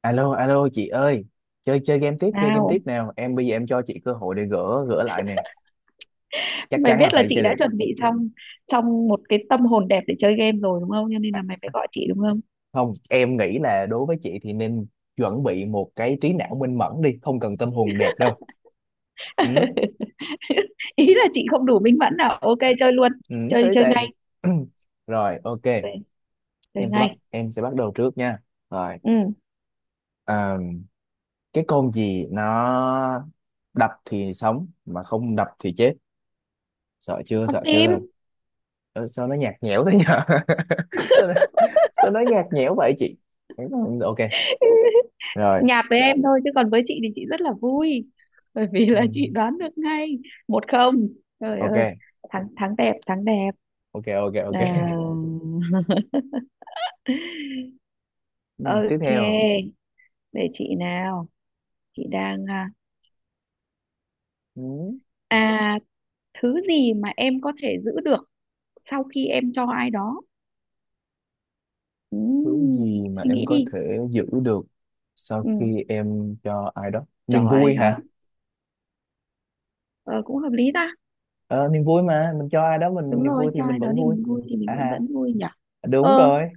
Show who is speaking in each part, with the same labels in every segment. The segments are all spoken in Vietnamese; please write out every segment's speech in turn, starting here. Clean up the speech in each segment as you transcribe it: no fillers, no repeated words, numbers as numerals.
Speaker 1: Alo, alo chị ơi, chơi chơi game
Speaker 2: Nào,
Speaker 1: tiếp nào. Bây giờ em cho chị cơ hội để gỡ gỡ lại nè. Chắc
Speaker 2: mày
Speaker 1: chắn là
Speaker 2: biết là
Speaker 1: phải
Speaker 2: chị
Speaker 1: chơi
Speaker 2: đã
Speaker 1: được.
Speaker 2: chuẩn bị xong trong một cái tâm hồn đẹp để chơi game rồi đúng không? Cho nên là mày phải gọi chị đúng không?
Speaker 1: Không, em nghĩ là đối với chị thì nên chuẩn bị một cái trí não minh mẫn đi, không cần tâm hồn đẹp đâu. Ừ,
Speaker 2: Ý là chị không đủ minh mẫn nào. Ok chơi luôn.
Speaker 1: ừ,
Speaker 2: Chơi
Speaker 1: thế
Speaker 2: chơi
Speaker 1: tệ.
Speaker 2: ngay.
Speaker 1: Rồi, ok.
Speaker 2: Chơi, chơi
Speaker 1: Em sẽ bắt
Speaker 2: ngay.
Speaker 1: em sẽ bắt đầu trước nha. Rồi,
Speaker 2: Ừ,
Speaker 1: à, cái con gì nó đập thì sống mà không đập thì chết. Sợ chưa,
Speaker 2: con
Speaker 1: sợ
Speaker 2: tim.
Speaker 1: chưa? Ờ, sao nó nhạt nhẽo thế nhở? Sao sao nói nhạt nhẽo vậy chị? Ừ, ok rồi.
Speaker 2: Nhạt với em thôi chứ còn với chị thì chị rất là vui. Bởi vì
Speaker 1: Ừ,
Speaker 2: là chị đoán được ngay. Một không. Trời ơi,
Speaker 1: ok,
Speaker 2: thắng thắng đẹp, thắng đẹp.
Speaker 1: ok, ok,
Speaker 2: À,
Speaker 1: ok. Ừ, tiếp theo.
Speaker 2: ok, để chị nào. Chị đang
Speaker 1: ừ,
Speaker 2: à, thứ gì mà em có thể giữ được sau khi em cho ai đó.
Speaker 1: Thứ gì mà
Speaker 2: Suy
Speaker 1: em
Speaker 2: nghĩ
Speaker 1: có
Speaker 2: đi.
Speaker 1: thể giữ được sau
Speaker 2: Ừ,
Speaker 1: khi em cho ai đó
Speaker 2: cho
Speaker 1: niềm
Speaker 2: ai
Speaker 1: vui
Speaker 2: đó.
Speaker 1: hả?
Speaker 2: Ờ, cũng hợp lý ta.
Speaker 1: Ờ, niềm vui mà mình cho ai đó mình
Speaker 2: Đúng
Speaker 1: niềm
Speaker 2: rồi,
Speaker 1: vui thì
Speaker 2: cho
Speaker 1: mình
Speaker 2: ai đó
Speaker 1: vẫn
Speaker 2: thì
Speaker 1: vui.
Speaker 2: vui thì mình
Speaker 1: À
Speaker 2: cũng
Speaker 1: ha,
Speaker 2: vẫn vui nhỉ.
Speaker 1: đúng
Speaker 2: Ờ.
Speaker 1: rồi.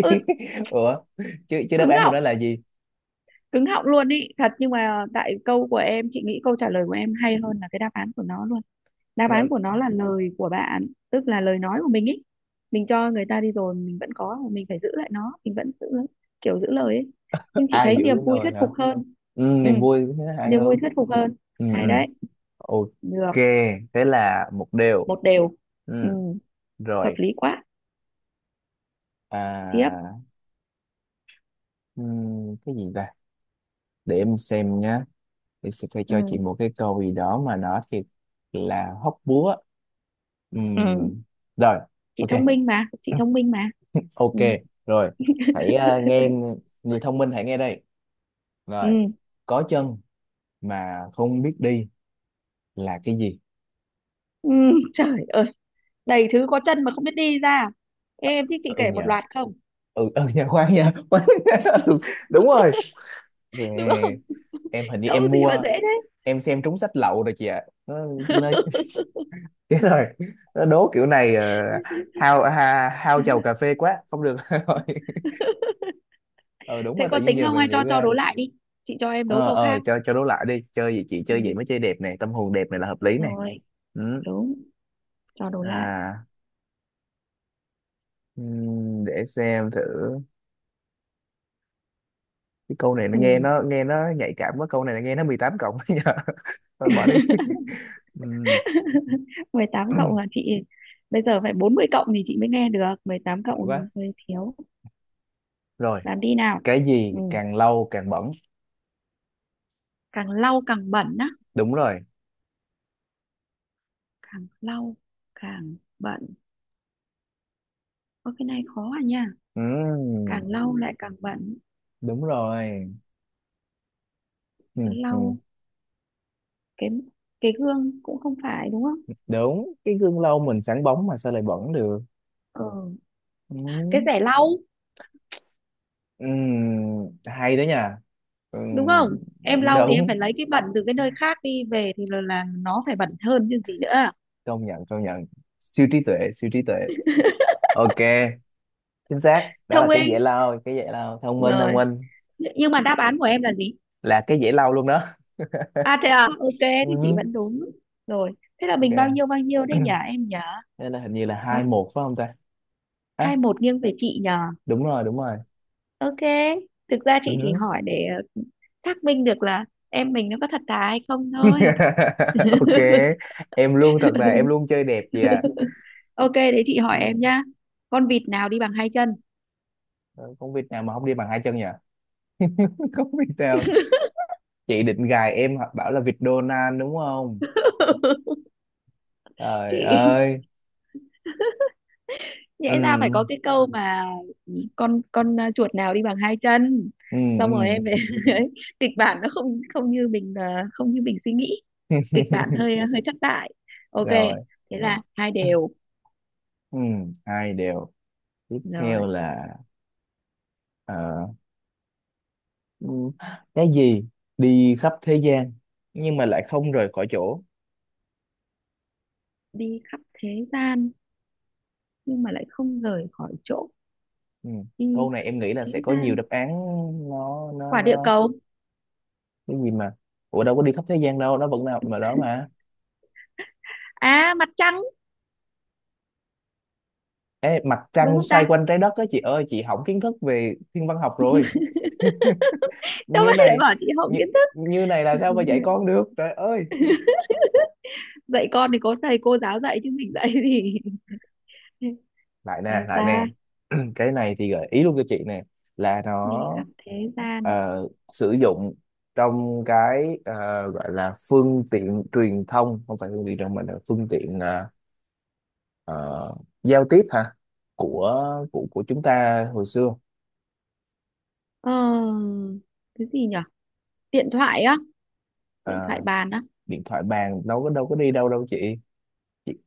Speaker 2: Ừ,
Speaker 1: Ủa, chứ chứ đáp
Speaker 2: cứng
Speaker 1: án của
Speaker 2: họng,
Speaker 1: nó là gì?
Speaker 2: cứng họng luôn ý thật, nhưng mà tại câu của em chị nghĩ câu trả lời của em hay hơn là cái đáp án của nó luôn. Đáp án
Speaker 1: Nó-
Speaker 2: của nó là lời của bạn, tức là lời nói của mình ý. Mình cho người ta đi rồi mình vẫn có mà mình phải giữ lại nó mình vẫn giữ, kiểu giữ lời ấy. Nhưng chị
Speaker 1: ai
Speaker 2: thấy
Speaker 1: giữ
Speaker 2: niềm vui
Speaker 1: nồi
Speaker 2: thuyết
Speaker 1: hả?
Speaker 2: phục hơn.
Speaker 1: Ừ,
Speaker 2: Ừ,
Speaker 1: niềm vui thế hay
Speaker 2: niềm vui
Speaker 1: hơn.
Speaker 2: thuyết phục hơn.
Speaker 1: Ừ, ừ.
Speaker 2: Hay đấy.
Speaker 1: Ok,
Speaker 2: Được.
Speaker 1: thế là một điều.
Speaker 2: Một đều. Ừ,
Speaker 1: Ừ,
Speaker 2: hợp
Speaker 1: rồi.
Speaker 2: lý quá. Tiếp.
Speaker 1: à cái gì ta? Để em xem nhá. Thì sẽ phải
Speaker 2: Ừ,
Speaker 1: cho chị một cái câu gì đó mà nó thiệt là hóc búa.
Speaker 2: ừ.
Speaker 1: Ừm, Rồi,
Speaker 2: Chị
Speaker 1: ok.
Speaker 2: thông minh mà, chị thông minh mà.
Speaker 1: Ok,
Speaker 2: Ừ,
Speaker 1: rồi. Hãy nghe, người thông minh hãy nghe đây.
Speaker 2: ừ,
Speaker 1: Rồi, có chân mà không biết đi là cái gì?
Speaker 2: ừ. Trời ơi, đầy thứ có chân mà không biết đi ra. Ê, em thích chị
Speaker 1: Ừ
Speaker 2: kể một
Speaker 1: nhờ,
Speaker 2: loạt không?
Speaker 1: ừ nhờ, khoan nhờ. Khoan. Nhờ. Ừ, đúng rồi.
Speaker 2: Đúng không?
Speaker 1: Nè, em hình như
Speaker 2: Câu
Speaker 1: em
Speaker 2: gì mà
Speaker 1: mua,
Speaker 2: dễ thế?
Speaker 1: em xem trúng sách lậu rồi chị ạ, nó chết rồi, nó đố kiểu này. Ờ, hao chầu cà phê quá không được rồi. Ờ đúng
Speaker 2: Thế
Speaker 1: rồi, tự
Speaker 2: có
Speaker 1: nhiên
Speaker 2: tính
Speaker 1: giờ
Speaker 2: không hay
Speaker 1: mình nghĩ
Speaker 2: cho
Speaker 1: ra.
Speaker 2: đố lại đi. Chị cho em đố câu
Speaker 1: Ờ
Speaker 2: khác.
Speaker 1: cho đố lại đi, chơi gì chị, chơi gì
Speaker 2: Ừ,
Speaker 1: mới chơi đẹp này, tâm hồn đẹp này là hợp
Speaker 2: đúng
Speaker 1: lý này.
Speaker 2: rồi.
Speaker 1: Ừ.
Speaker 2: Đúng. Cho đố lại.
Speaker 1: À, để xem thử. Cái câu này nó nghe
Speaker 2: Ừ.
Speaker 1: nó nghe nó nhạy cảm quá, câu này là nghe nó 18+. Nhờ, thôi bỏ đi. Ừm,
Speaker 2: Mười tám cộng là chị bây giờ phải 40 cộng thì chị mới nghe được, 18
Speaker 1: Sợ
Speaker 2: cộng
Speaker 1: quá.
Speaker 2: hơi thiếu.
Speaker 1: Rồi,
Speaker 2: Làm đi nào.
Speaker 1: cái gì
Speaker 2: Ừ.
Speaker 1: càng lâu càng bẩn?
Speaker 2: Càng lau càng bẩn á.
Speaker 1: Đúng rồi.
Speaker 2: Càng lau càng bẩn. Ơ cái này khó à nha. Càng
Speaker 1: Ừm,
Speaker 2: lau lại càng bẩn.
Speaker 1: Đúng rồi. Ừm, ừm.
Speaker 2: Lau cái gương cũng không phải đúng không?
Speaker 1: Đúng, cái gương lâu mình sáng bóng mà sao lại bẩn được?
Speaker 2: Ừ.
Speaker 1: Ừ.
Speaker 2: Cái rẻ lau
Speaker 1: Ừ. Hay đó nha. Ừ.
Speaker 2: đúng không? Em lau thì em
Speaker 1: Đúng,
Speaker 2: phải lấy cái bẩn từ cái nơi khác đi về thì là nó phải bẩn hơn chứ gì nữa.
Speaker 1: công nhận, công nhận, siêu trí tuệ, siêu trí tuệ. Ok, chính xác, đó
Speaker 2: Thông
Speaker 1: là cái
Speaker 2: minh.
Speaker 1: dễ lau, cái dễ lau, thông minh, thông
Speaker 2: Rồi.
Speaker 1: minh.
Speaker 2: Nhưng mà đáp án của em là gì?
Speaker 1: Là cái dễ lau luôn đó.
Speaker 2: À thế à, ok thì chị
Speaker 1: Ừ.
Speaker 2: vẫn đúng. Rồi. Thế là
Speaker 1: Ok.
Speaker 2: mình bao nhiêu đấy nhỉ em nhỉ?
Speaker 1: Đây là hình như là 2-1 phải không ta?
Speaker 2: Hai
Speaker 1: À,
Speaker 2: một nghiêng về chị nhỉ?
Speaker 1: đúng rồi, đúng rồi.
Speaker 2: Ok, thực ra chị chỉ
Speaker 1: Ừ.
Speaker 2: hỏi để ờ, xác minh được là em mình nó có thật thà hay không thôi.
Speaker 1: Ok, em luôn thật, là em luôn chơi đẹp gì à.
Speaker 2: Ok, đấy chị hỏi em
Speaker 1: Ừ.
Speaker 2: nhá. Con vịt nào đi bằng hai chân?
Speaker 1: Không Việt nào mà không đi bằng hai chân nhỉ? Không Việt nào. Chị định gài em hoặc bảo là vịt Donald đúng không? Trời
Speaker 2: Chị
Speaker 1: ơi.
Speaker 2: nhẽ ra phải
Speaker 1: ừ
Speaker 2: có cái câu mà con chuột nào đi bằng hai chân.
Speaker 1: ừ
Speaker 2: Xong
Speaker 1: ừ
Speaker 2: rồi em ấy, kịch bản nó không không như mình không như mình suy nghĩ. Kịch bản hơi hơi thất bại. Ok,
Speaker 1: Rồi.
Speaker 2: thế là hai đều.
Speaker 1: Ừ, 2-2. Tiếp
Speaker 2: Rồi,
Speaker 1: theo là ờ, ừ, cái gì đi khắp thế gian nhưng mà lại không rời khỏi chỗ?
Speaker 2: đi khắp thế gian nhưng mà lại không rời khỏi chỗ.
Speaker 1: Ừ. Câu
Speaker 2: Đi
Speaker 1: này
Speaker 2: khắp
Speaker 1: em nghĩ là
Speaker 2: thế
Speaker 1: sẽ có nhiều
Speaker 2: gian.
Speaker 1: đáp án. nó nó
Speaker 2: Quả địa
Speaker 1: nó
Speaker 2: cầu.
Speaker 1: cái gì mà, ủa đâu có đi khắp thế gian đâu, nó vẫn là mà đó mà.
Speaker 2: À, mặt trăng.
Speaker 1: Ê, mặt
Speaker 2: Đúng
Speaker 1: trăng
Speaker 2: không
Speaker 1: xoay
Speaker 2: ta?
Speaker 1: quanh trái đất á chị ơi, chị hỏng kiến thức về thiên văn học rồi.
Speaker 2: Đâu
Speaker 1: Như
Speaker 2: phải lại
Speaker 1: này,
Speaker 2: bảo chị hổng
Speaker 1: như,
Speaker 2: kiến thức.
Speaker 1: như này là sao mà dạy con được trời ơi.
Speaker 2: Dạy con thì có thầy cô giáo dạy chứ mình dạy thì
Speaker 1: Lại nè,
Speaker 2: sao
Speaker 1: lại nè.
Speaker 2: ta.
Speaker 1: Cái này thì gợi ý luôn cho chị nè, là nó
Speaker 2: Đi khắp thế gian.
Speaker 1: ờ, sử dụng trong cái ờ, gọi là phương tiện truyền thông, không phải phương tiện truyền thông mà là phương tiện ờ, giao tiếp hả, của của của chúng ta hồi xưa.
Speaker 2: Ờ, cái gì nhở? Điện thoại á.
Speaker 1: Ờ,
Speaker 2: Điện thoại bàn á.
Speaker 1: điện thoại bàn đâu có, đâu có đi đâu đâu chị,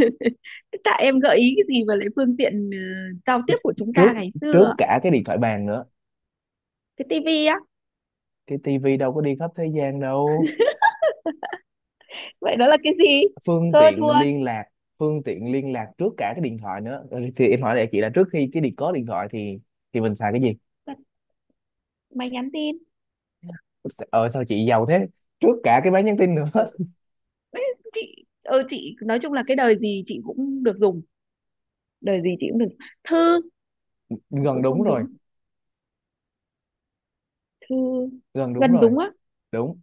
Speaker 2: Thế tại em gợi ý cái gì mà lại phương tiện giao tiếp của chúng ta
Speaker 1: trước,
Speaker 2: ngày
Speaker 1: trước
Speaker 2: xưa.
Speaker 1: cả cái điện thoại bàn nữa.
Speaker 2: Cái tivi á.
Speaker 1: Cái tivi đâu có đi khắp thế gian đâu.
Speaker 2: Vậy đó là cái gì?
Speaker 1: Phương
Speaker 2: Thôi thua.
Speaker 1: tiện liên lạc, phương tiện liên lạc trước cả cái điện thoại nữa. Ừ, thì em hỏi lại chị là trước khi cái điện có điện thoại thì mình xài cái gì?
Speaker 2: Máy nhắn tin.
Speaker 1: Ờ sao chị giàu thế, trước cả cái máy nhắn tin nữa.
Speaker 2: Ừ, ấy, chị ừ, chị nói chung là cái đời gì chị cũng được dùng. Đời gì chị cũng được. Thư.
Speaker 1: Gần
Speaker 2: Cũng
Speaker 1: đúng
Speaker 2: không
Speaker 1: rồi,
Speaker 2: đúng. Thư.
Speaker 1: gần đúng
Speaker 2: Gần
Speaker 1: rồi,
Speaker 2: đúng á.
Speaker 1: đúng.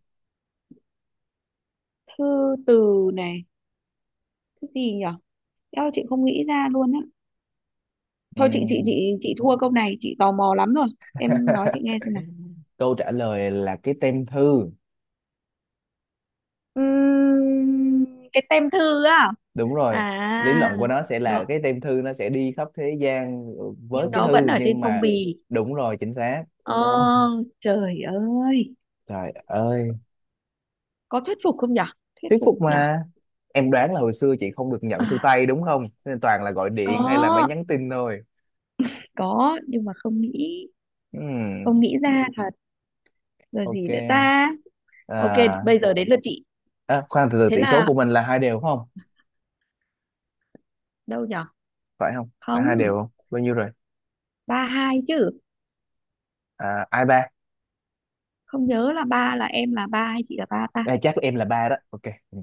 Speaker 2: Thư từ này. Cái gì nhở? Eo chị không nghĩ ra luôn á. Thôi chị chị chị
Speaker 1: Ừm.
Speaker 2: chị thua câu này, chị tò mò lắm rồi. Em nói chị nghe xem nào.
Speaker 1: Câu trả lời là cái tem thư.
Speaker 2: Ừm, cái tem thư á.
Speaker 1: Đúng rồi, lý
Speaker 2: À,
Speaker 1: luận của nó sẽ là
Speaker 2: đó.
Speaker 1: cái tem thư nó sẽ đi khắp thế gian với
Speaker 2: Nhưng
Speaker 1: cái
Speaker 2: nó vẫn
Speaker 1: thư
Speaker 2: ở trên
Speaker 1: nhưng
Speaker 2: phong
Speaker 1: mà,
Speaker 2: bì.
Speaker 1: đúng rồi, chính xác.
Speaker 2: Ờ, trời ơi.
Speaker 1: Trời ơi.
Speaker 2: Có thuyết phục không nhở? Thuyết
Speaker 1: Thuyết
Speaker 2: phục
Speaker 1: phục
Speaker 2: nhở.
Speaker 1: mà. Em đoán là hồi xưa chị không được nhận thư
Speaker 2: À,
Speaker 1: tay đúng không, nên toàn là gọi điện hay là máy
Speaker 2: có.
Speaker 1: nhắn tin thôi.
Speaker 2: Có nhưng mà không nghĩ.
Speaker 1: Ừm,
Speaker 2: Không nghĩ ra thật. Rồi gì nữa
Speaker 1: ok.
Speaker 2: ta? Ok,
Speaker 1: à,
Speaker 2: bây giờ đến lượt chị.
Speaker 1: À, khoan từ từ,
Speaker 2: Thế
Speaker 1: tỷ số
Speaker 2: là
Speaker 1: của mình là hai đều không?
Speaker 2: đâu nhở?
Speaker 1: Phải không, phải hai
Speaker 2: Không,
Speaker 1: đều không, bao nhiêu rồi?
Speaker 2: ba hai chứ.
Speaker 1: À, ai ba?
Speaker 2: Không nhớ là ba là em là ba hay chị là ba ta.
Speaker 1: À, chắc em là ba đó. Ok. Ừ.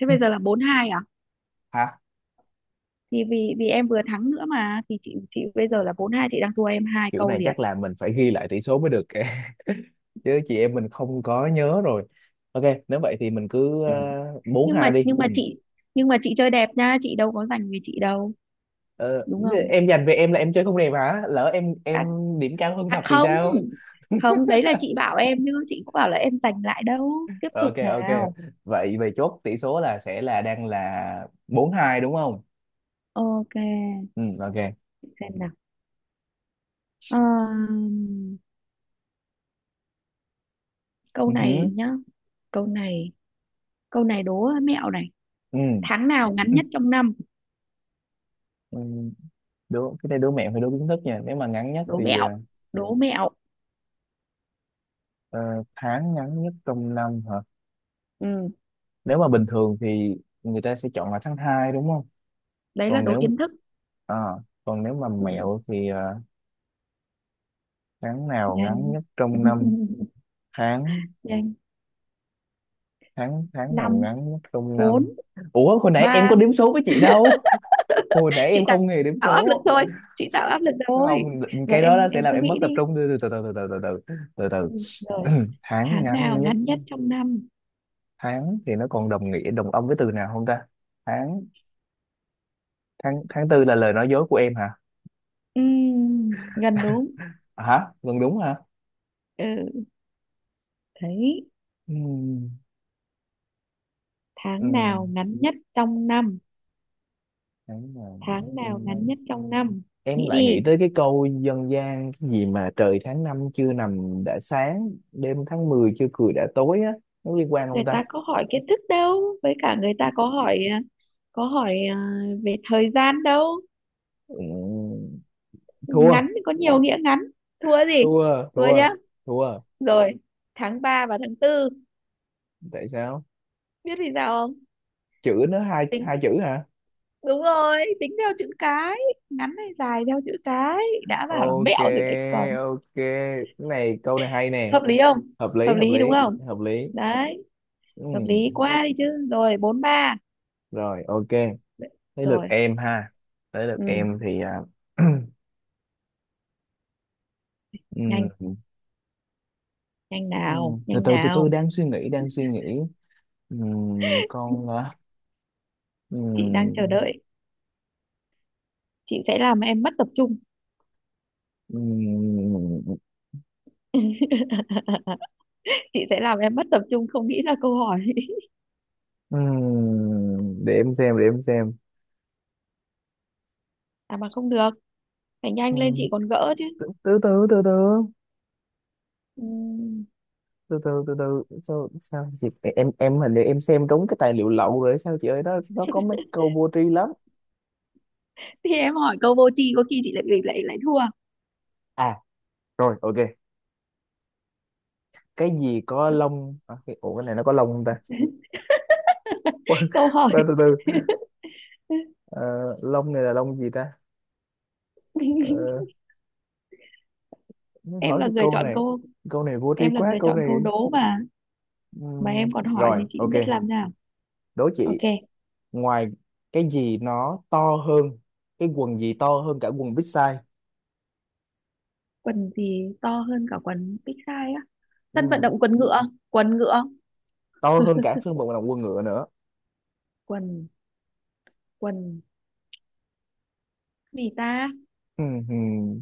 Speaker 2: Thế
Speaker 1: Hứ,
Speaker 2: bây giờ là bốn hai à?
Speaker 1: hả.
Speaker 2: Thì vì vì em vừa thắng nữa mà thì chị bây giờ là bốn hai chị đang thua em hai
Speaker 1: Kiểu
Speaker 2: câu
Speaker 1: này
Speaker 2: liền.
Speaker 1: chắc là mình phải ghi lại tỷ số mới được kìa. Chứ chị em mình không có nhớ rồi. Ok nếu vậy thì mình cứ
Speaker 2: Ừ.
Speaker 1: bốn
Speaker 2: nhưng mà
Speaker 1: hai đi.
Speaker 2: nhưng mà
Speaker 1: Ừ.
Speaker 2: chị, nhưng mà chị chơi đẹp nha chị đâu có giành về chị đâu
Speaker 1: Ờ,
Speaker 2: đúng
Speaker 1: thế
Speaker 2: không.
Speaker 1: em dành về em là em chơi không đẹp hả, lỡ em
Speaker 2: À,
Speaker 1: điểm cao hơn thật
Speaker 2: à
Speaker 1: thì
Speaker 2: không,
Speaker 1: sao?
Speaker 2: không đấy là chị bảo em chứ chị cũng bảo là em giành lại đâu. Tiếp tục
Speaker 1: Ok, ok,
Speaker 2: nào.
Speaker 1: vậy về chốt tỷ số là sẽ là đang là 4-2 đúng không?
Speaker 2: Ok,
Speaker 1: Ừ ok.
Speaker 2: xem nào. Ờm, Câu
Speaker 1: Ừ
Speaker 2: này
Speaker 1: hứ,
Speaker 2: nhá. Câu này, câu này đố mẹo này.
Speaker 1: ừ
Speaker 2: Tháng nào ngắn
Speaker 1: ừ,
Speaker 2: nhất trong năm?
Speaker 1: ừ. Đố cái này đố mẹo hay đố kiến thức nha, nếu mà ngắn nhất
Speaker 2: Đố
Speaker 1: thì ờ,
Speaker 2: mẹo, đố mẹo.
Speaker 1: ờ, tháng ngắn nhất trong năm hả?
Speaker 2: Ừ.
Speaker 1: Nếu mà bình thường thì người ta sẽ chọn là tháng 2 đúng không?
Speaker 2: Đấy là
Speaker 1: Còn
Speaker 2: đố
Speaker 1: nếu
Speaker 2: kiến thức.
Speaker 1: à, còn nếu mà
Speaker 2: Ừ.
Speaker 1: mẹo thì ờ, tháng nào
Speaker 2: Nhanh.
Speaker 1: ngắn nhất trong năm? Tháng
Speaker 2: Nhanh.
Speaker 1: tháng Tháng nào
Speaker 2: Năm.
Speaker 1: ngắn nhất trong
Speaker 2: Bốn.
Speaker 1: năm? Ủa, hồi nãy em
Speaker 2: Ba.
Speaker 1: có đếm số với chị đâu, hồi nãy
Speaker 2: Chị
Speaker 1: em
Speaker 2: tạo
Speaker 1: không hề đếm
Speaker 2: tạo áp lực
Speaker 1: số.
Speaker 2: thôi. Chị tạo áp lực thôi.
Speaker 1: Không,
Speaker 2: Rồi
Speaker 1: cái đó,
Speaker 2: em
Speaker 1: đó sẽ
Speaker 2: em
Speaker 1: làm
Speaker 2: cứ
Speaker 1: em mất
Speaker 2: nghĩ đi.
Speaker 1: tập trung, từ từ từ từ từ từ từ từ từ
Speaker 2: Ừ. Rồi.
Speaker 1: từ. Tháng
Speaker 2: Tháng nào
Speaker 1: ngắn nhất,
Speaker 2: ngắn nhất trong năm?
Speaker 1: tháng thì nó còn đồng nghĩa đồng âm với từ nào không ta? Tháng tháng Tháng tư là lời nói dối của em hả?
Speaker 2: Gần đúng.
Speaker 1: À, hả, gần đúng hả?
Speaker 2: Ừ. Thấy.
Speaker 1: Ừm,
Speaker 2: Tháng nào
Speaker 1: ừm,
Speaker 2: ngắn nhất trong năm?
Speaker 1: tháng nào
Speaker 2: Tháng nào
Speaker 1: trong
Speaker 2: ngắn
Speaker 1: năm.
Speaker 2: nhất trong năm?
Speaker 1: Em
Speaker 2: Nghĩ
Speaker 1: lại
Speaker 2: đi.
Speaker 1: nghĩ tới cái câu dân gian cái gì mà "trời tháng năm chưa nằm đã sáng, đêm tháng 10 chưa cười đã tối" á, nó liên quan
Speaker 2: Người
Speaker 1: không ta?
Speaker 2: ta có hỏi kiến thức đâu với cả người ta có hỏi có hỏi về thời gian đâu.
Speaker 1: Ừm, thua,
Speaker 2: Ngắn thì có nhiều nghĩa ngắn. Thua gì?
Speaker 1: thua,
Speaker 2: Thua
Speaker 1: thua,
Speaker 2: nhá.
Speaker 1: thua.
Speaker 2: Rồi. Tháng 3 và tháng tư.
Speaker 1: Tại sao?
Speaker 2: Biết vì sao không?
Speaker 1: Chữ nữa, hai,
Speaker 2: Tính.
Speaker 1: hai chữ hả?
Speaker 2: Đúng rồi, tính theo chữ cái. Ngắn hay dài theo chữ cái. Đã bảo là
Speaker 1: Ok,
Speaker 2: mẹo rồi đấy còn.
Speaker 1: ok, cái này câu này hay nè.
Speaker 2: Hợp lý không?
Speaker 1: Hợp lý,
Speaker 2: Hợp
Speaker 1: hợp
Speaker 2: lý đúng
Speaker 1: lý,
Speaker 2: không?
Speaker 1: hợp lý.
Speaker 2: Đấy. Hợp lý
Speaker 1: Ừm,
Speaker 2: quá đi chứ. Rồi, bốn ba.
Speaker 1: rồi ok, tới lượt
Speaker 2: Rồi.
Speaker 1: em ha. Tới lượt
Speaker 2: Ừ.
Speaker 1: em thì à,
Speaker 2: Nhanh,
Speaker 1: ừm,
Speaker 2: nhanh nào,
Speaker 1: từ
Speaker 2: nhanh
Speaker 1: từ từ từ,
Speaker 2: nào.
Speaker 1: đang suy nghĩ, đang suy nghĩ. Con à,
Speaker 2: Chị đang
Speaker 1: ừm,
Speaker 2: chờ đợi. Chị sẽ làm em mất tập trung.
Speaker 1: ừm,
Speaker 2: Chị sẽ làm em mất tập trung không nghĩ ra câu hỏi.
Speaker 1: để em xem, để em xem.
Speaker 2: À mà không được, phải nhanh lên
Speaker 1: Ừm,
Speaker 2: chị còn gỡ chứ.
Speaker 1: từ từ từ từ từ.
Speaker 2: Ừm,
Speaker 1: Từ từ từ từ Sao sao chị, em hình như em xem trúng cái tài liệu lậu rồi sao chị ơi, nó có mấy câu vô tri lắm.
Speaker 2: thì em hỏi câu vô tri có khi chị lại lại lại thua.
Speaker 1: À, rồi ok, cái gì có lông à, cái, ủa cái này nó có lông không ta? Khoan,
Speaker 2: Câu hỏi.
Speaker 1: khoan, từ từ. Ờ, lông này là lông gì ta? Ờ, nó
Speaker 2: Em
Speaker 1: hỏi
Speaker 2: là
Speaker 1: cái
Speaker 2: người
Speaker 1: câu
Speaker 2: chọn
Speaker 1: này,
Speaker 2: câu.
Speaker 1: câu này vô tri
Speaker 2: Em là
Speaker 1: quá
Speaker 2: người
Speaker 1: câu
Speaker 2: chọn câu
Speaker 1: này.
Speaker 2: đố mà. Mà em còn hỏi
Speaker 1: Rồi
Speaker 2: thì chị
Speaker 1: ok,
Speaker 2: biết làm nào.
Speaker 1: đố
Speaker 2: Ok.
Speaker 1: chị. Ngoài, cái gì nó to hơn, cái quần gì to hơn cả quần big size?
Speaker 2: Quần gì to hơn cả quần big size á? Sân vận
Speaker 1: Ừm,
Speaker 2: động quần ngựa. Quần ngựa.
Speaker 1: to hơn cả phân bò là quần ngựa nữa.
Speaker 2: Quần, quần gì ta?
Speaker 1: Ừm,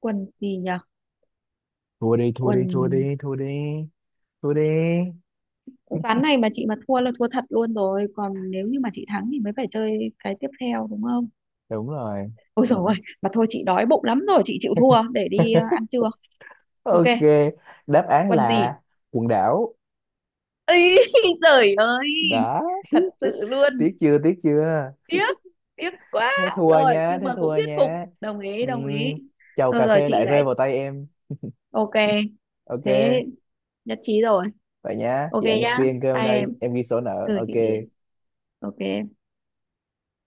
Speaker 2: Quần gì nhở?
Speaker 1: thua đi, thua
Speaker 2: Quần.
Speaker 1: đi, thua đi, thua đi, thua đi,
Speaker 2: Ván này mà chị mà thua là thua thật luôn rồi còn nếu như mà chị thắng thì mới phải chơi cái tiếp theo đúng không?
Speaker 1: đúng rồi.
Speaker 2: Ôi dồi ôi. Mà thôi chị đói bụng lắm rồi, chị chịu thua để đi ăn trưa. Ok.
Speaker 1: Ok, đáp án
Speaker 2: Quần
Speaker 1: là
Speaker 2: gì?
Speaker 1: quần đảo.
Speaker 2: Ấy, trời ơi.
Speaker 1: Đó.
Speaker 2: Thật sự
Speaker 1: Tiếc
Speaker 2: luôn.
Speaker 1: chưa, tiếc chưa?
Speaker 2: Tiếc, tiếc quá.
Speaker 1: Thế thua
Speaker 2: Rồi
Speaker 1: nha,
Speaker 2: nhưng
Speaker 1: thế
Speaker 2: mà cũng
Speaker 1: thua
Speaker 2: thuyết phục.
Speaker 1: nha.
Speaker 2: Đồng ý, đồng ý.
Speaker 1: Ừm, chầu
Speaker 2: Rồi
Speaker 1: cà
Speaker 2: rồi
Speaker 1: phê
Speaker 2: chị
Speaker 1: lại
Speaker 2: lại.
Speaker 1: rơi vào tay em.
Speaker 2: Ok.
Speaker 1: Ok
Speaker 2: Thế. Nhất trí rồi.
Speaker 1: vậy nhá,
Speaker 2: Ok
Speaker 1: chị ăn
Speaker 2: nhá.
Speaker 1: riêng cơm
Speaker 2: Bye
Speaker 1: đây,
Speaker 2: em.
Speaker 1: em ghi sổ nợ,
Speaker 2: Ừ chị Điền.
Speaker 1: ok.
Speaker 2: Ok